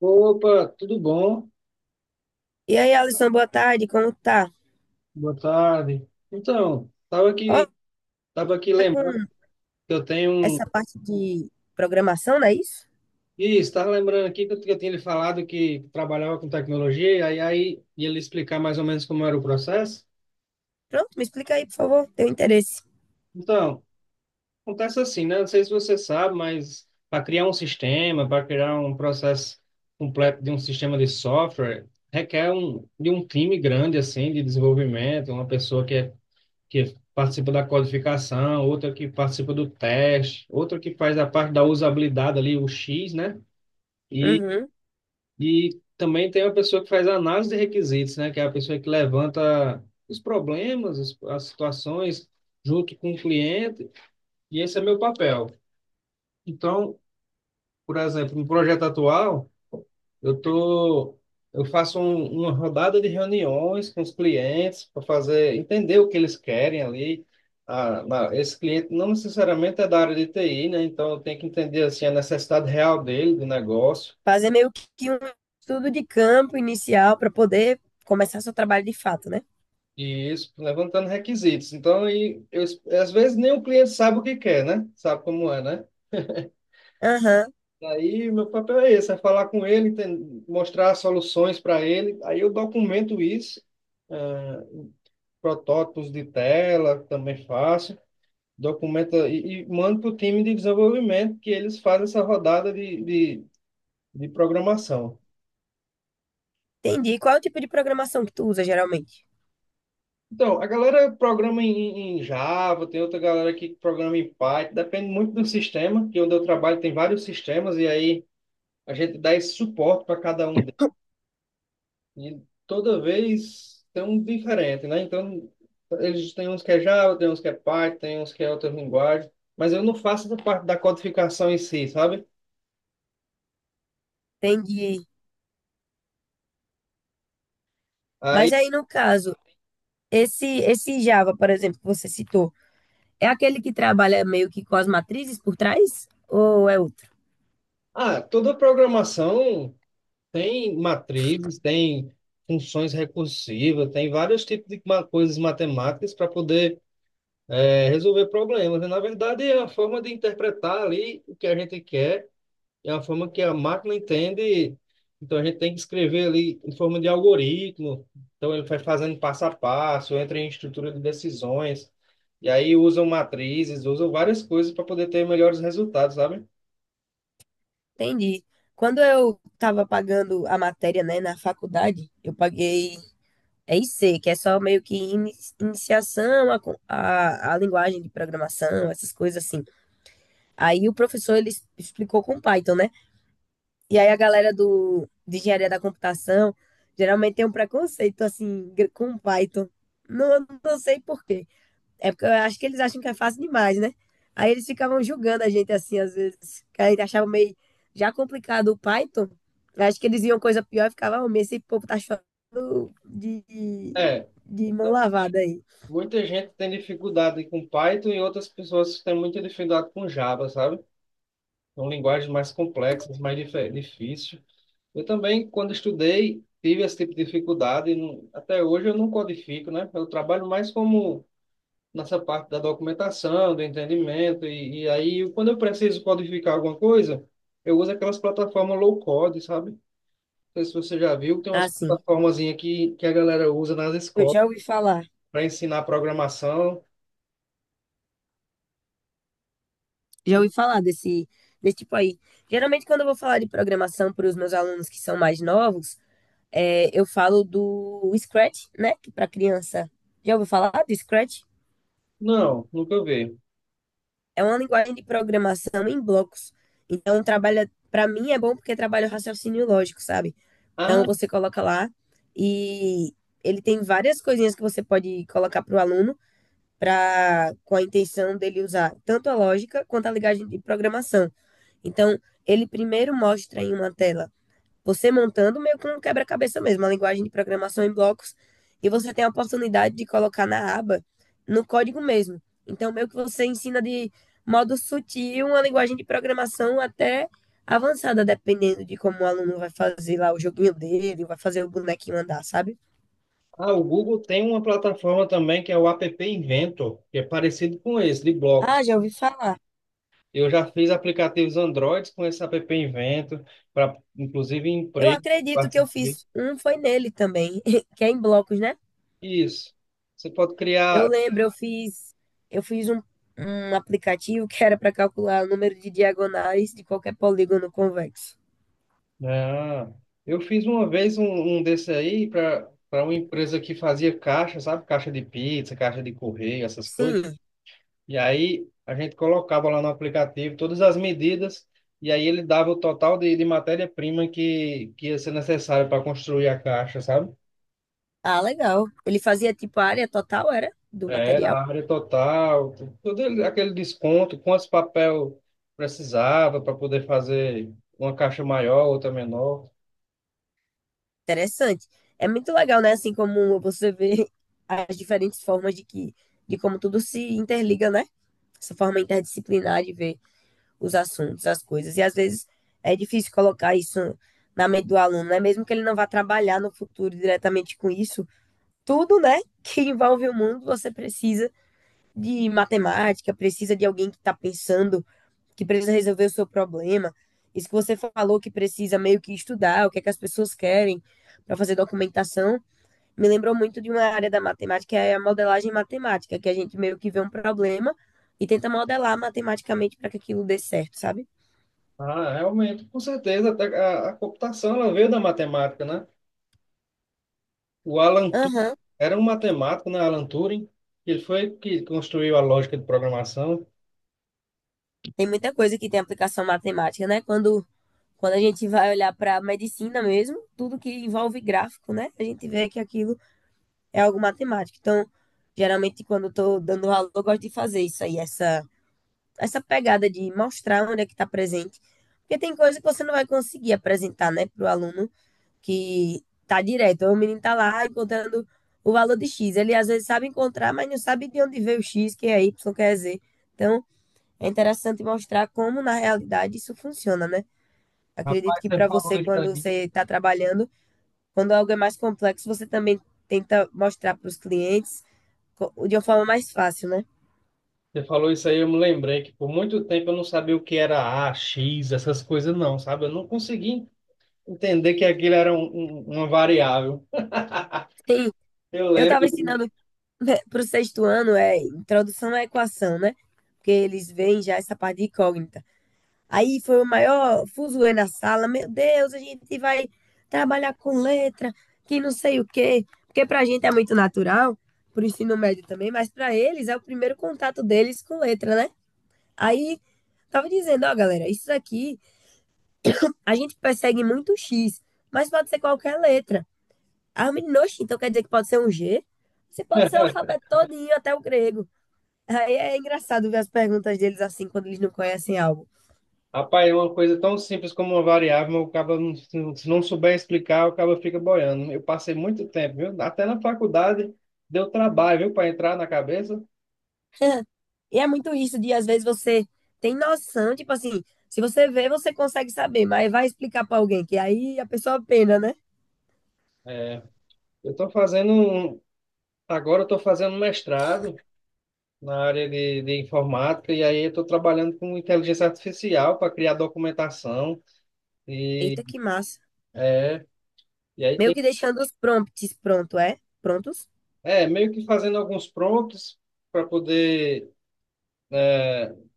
Opa, tudo bom? E aí, Alisson, boa tarde, como tá? Boa tarde. Então, tava Ó, aqui, tava aqui tá com lembrando que eu tenho essa um. parte de programação, não é isso? Ih, estava lembrando aqui que eu tinha lhe falado que trabalhava com tecnologia, e aí ia lhe explicar mais ou menos como era o processo. Pronto, me explica aí, por favor, tenho interesse. Então, acontece assim, né? Não sei se você sabe, mas para criar um sistema, para criar um processo completo de um sistema de software, requer um, de um time grande, assim, de desenvolvimento, uma pessoa que participa da codificação, outra que participa do teste, outra que faz a parte da usabilidade ali, o X, né? E, Uhum. e também tem uma pessoa que faz a análise de requisitos, né? Que é a pessoa que levanta os problemas, as situações, junto com o cliente, e esse é meu papel. Então, por exemplo, no projeto atual, Eu tô, eu uma rodada de reuniões com os clientes para fazer entender o que eles querem ali. Ah, esse cliente não necessariamente é da área de TI, né? Então eu tenho que entender assim a necessidade real dele do negócio Fazer meio que um estudo de campo inicial para poder começar seu trabalho de fato, né? e isso levantando requisitos. Então aí eu, às vezes nem o cliente sabe o que quer, né? Sabe como é, né? Aham, Aí meu papel é esse, é falar com ele, mostrar soluções para ele. Aí eu documento isso, ah, protótipos de tela também faço. Documenta e manda para o time de desenvolvimento que eles fazem essa rodada de programação. entendi. Qual é o tipo de programação que tu usa geralmente? Então, a galera programa em Java, tem outra galera que programa em Python, depende muito do sistema, que onde eu trabalho tem vários sistemas, e aí a gente dá esse suporte para cada um deles. E toda vez tem um diferente, né? Então, eles têm uns que é Java, tem uns que é Python, tem uns que é outra linguagem, mas eu não faço essa parte da codificação em si, sabe? Entendi. Mas Aí, aí, no caso, esse Java, por exemplo, que você citou, é aquele que trabalha meio que com as matrizes por trás? Ou é outro? Toda programação tem matrizes, tem funções recursivas, tem vários tipos de coisas matemáticas para poder resolver problemas. E, na verdade, é uma forma de interpretar ali o que a gente quer, é uma forma que a máquina entende. Então, a gente tem que escrever ali em forma de algoritmo. Então, ele vai fazendo passo a passo, entra em estrutura de decisões. E aí, usam matrizes, usam várias coisas para poder ter melhores resultados, sabe? Entendi. Quando eu estava pagando a matéria, né, na faculdade, eu paguei EIC, que é só meio que iniciação à linguagem de programação, essas coisas assim. Aí o professor, ele explicou com Python, né? E aí a galera de engenharia da computação geralmente tem um preconceito, assim, com Python. Não sei por quê. É porque eu acho que eles acham que é fácil demais, né? Aí eles ficavam julgando a gente assim, às vezes, que a gente achava meio já complicado o Python. Eu acho que eles iam coisa pior e ficava, oh, esse povo tá chorando de, de, É. de mão lavada aí. Muita gente tem dificuldade com Python e outras pessoas têm muita dificuldade com Java, sabe? São linguagens mais complexas, mais difíceis. Eu também, quando estudei, tive esse tipo de dificuldade. Até hoje eu não codifico, né? Eu trabalho mais como nessa parte da documentação, do entendimento. E aí, quando eu preciso codificar alguma coisa, eu uso aquelas plataformas low code, sabe? Não sei se você já viu, tem umas Assim, plataformazinhas que a galera usa nas eu escolas para ensinar programação. já ouvi falar desse tipo aí. Geralmente, quando eu vou falar de programação para os meus alunos que são mais novos, é, eu falo do Scratch, né? Que para criança. Já ouviu falar do Scratch? Não, nunca vi. É uma linguagem de programação em blocos. Então, trabalha, para mim é bom porque trabalha o raciocínio lógico, sabe? Ah, Então, você coloca lá e ele tem várias coisinhas que você pode colocar para o aluno para com a intenção dele usar tanto a lógica quanto a linguagem de programação. Então, ele primeiro mostra em uma tela você montando meio que um quebra-cabeça mesmo, uma linguagem de programação em blocos, e você tem a oportunidade de colocar na aba, no código mesmo. Então, meio que você ensina de modo sutil uma linguagem de programação até avançada, dependendo de como o aluno vai fazer lá o joguinho dele, vai fazer o bonequinho andar, sabe? O Google tem uma plataforma também que é o App Inventor, que é parecido com esse, de blocos. Ah, já ouvi falar. Eu já fiz aplicativos Androids com esse App Inventor, para inclusive Eu emprego, eu acredito que eu participei. fiz um, foi nele também, que é em blocos, né? Isso. Você pode Eu criar. lembro, eu fiz um aplicativo que era para calcular o número de diagonais de qualquer polígono convexo. Ah, eu fiz uma vez um desse aí para uma empresa que fazia caixa, sabe? Caixa de pizza, caixa de correio, essas coisas. Sim. E aí a gente colocava lá no aplicativo todas as medidas e aí ele dava o total de matéria-prima que ia ser necessário para construir a caixa, sabe? Ah, legal. Ele fazia tipo a área total, era, do É, era material. a área total, aquele desconto, quantos papel precisava para poder fazer uma caixa maior, outra menor. Interessante. É muito legal, né? Assim como você vê as diferentes formas de como tudo se interliga, né? Essa forma interdisciplinar de ver os assuntos, as coisas. E às vezes é difícil colocar isso na mente do aluno, né? Mesmo que ele não vá trabalhar no futuro diretamente com isso, tudo, né, que envolve o mundo, você precisa de matemática, precisa de alguém que está pensando, que precisa resolver o seu problema. Isso que você falou que precisa meio que estudar, o que é que as pessoas querem para fazer documentação, me lembrou muito de uma área da matemática, que é a modelagem matemática, que a gente meio que vê um problema e tenta modelar matematicamente para que aquilo dê certo, sabe? Ah, realmente, com certeza, até a computação ela veio da matemática, né? O Alan Turing Aham. era um matemático, né? Alan Turing, ele foi que construiu a lógica de programação. Tem muita coisa que tem aplicação matemática, né? Quando a gente vai olhar para a medicina mesmo, tudo que envolve gráfico, né? A gente vê que aquilo é algo matemático. Então, geralmente, quando eu estou dando aula, eu gosto de fazer isso aí, essa pegada de mostrar onde é que está presente. Porque tem coisa que você não vai conseguir apresentar, né, para o aluno que está direto. O menino está lá encontrando o valor de X. Ele às vezes sabe encontrar, mas não sabe de onde veio o X, que é Y, que é Z. Então, é interessante mostrar como, na realidade, isso funciona, né? Acredito Rapaz, que você para falou você, isso quando aí. você está trabalhando, quando algo é mais complexo, você também tenta mostrar para os clientes de uma forma mais fácil, né? Você falou isso aí, eu me lembrei que por muito tempo eu não sabia o que era A, X, essas coisas não, sabe? Eu não consegui entender que aquilo era uma variável. Sim, Eu eu estava lembro, ensinando para o sexto ano, é introdução à equação, né? Porque eles veem já essa parte de incógnita. Aí foi o maior fuzuê na sala. Meu Deus, a gente vai trabalhar com letra, que não sei o quê. Porque pra gente é muito natural, pro ensino médio também, mas pra eles é o primeiro contato deles com letra, né? Aí tava dizendo, ó, galera, isso aqui a gente persegue muito X, mas pode ser qualquer letra. Ah, menino, então quer dizer que pode ser um G? Você pode ser o alfabeto todinho, até o grego. Aí é engraçado ver as perguntas deles assim, quando eles não conhecem algo. rapaz, é uma coisa tão simples como uma variável, mas o cara não, se não souber explicar, o cara fica boiando. Eu passei muito tempo, viu? Até na faculdade deu trabalho, viu, para entrar na cabeça. E é muito isso de, às vezes, você tem noção, tipo assim, se você vê, você consegue saber, mas vai explicar pra alguém, que aí a pessoa pena, né? É, eu estou fazendo um, agora eu tô fazendo mestrado na área de informática, e aí eu estou trabalhando com inteligência artificial para criar documentação, e, Eita, que massa. e aí Meio tem, que deixando os prompts pronto, é? Prontos? Meio que fazendo alguns prompts para poder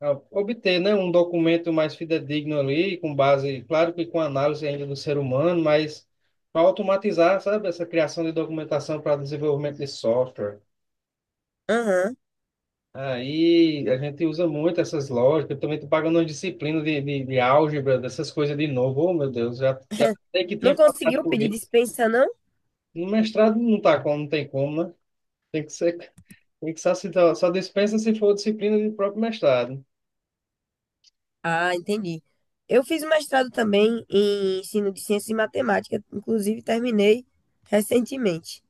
obter, né, um documento mais fidedigno ali, com base, claro que com análise ainda do ser humano, mas para automatizar, sabe, essa criação de documentação para desenvolvimento de software. Aham. Aí a gente usa muito essas lógicas. Eu também estou pagando uma disciplina de álgebra, dessas coisas de novo. Oh, meu Deus, já sei que Não tinha passado conseguiu por pedir isso. dispensa, não? No mestrado não tá como, não tem como, né? Tem que ser, tem que só, só dispensa se for disciplina do próprio mestrado. Ah, entendi. Eu fiz um mestrado também em ensino de ciência e matemática, inclusive terminei recentemente.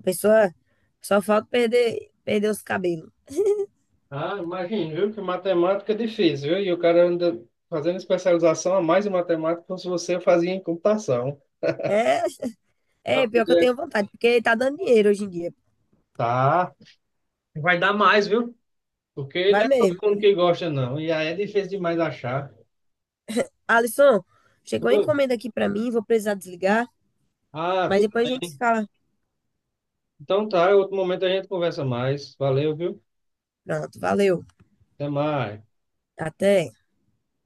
A pessoa, só falta perder os cabelos. Ah, imagina, viu? Que matemática é difícil, viu? E o cara ainda fazendo especialização a mais em matemática, como se você fazia em computação. É, Pra é pior que eu poder... tenho vontade, porque tá dando dinheiro hoje em dia. Tá. Vai dar mais, viu? Porque não Vai é todo mesmo. mundo que gosta, não. E aí é difícil demais achar. Alisson, chegou a encomenda aqui pra mim, vou precisar desligar, Ah, mas tudo depois a gente se bem. fala. Então tá, outro momento a gente conversa mais. Valeu, viu? Pronto, valeu. Até mais. Até.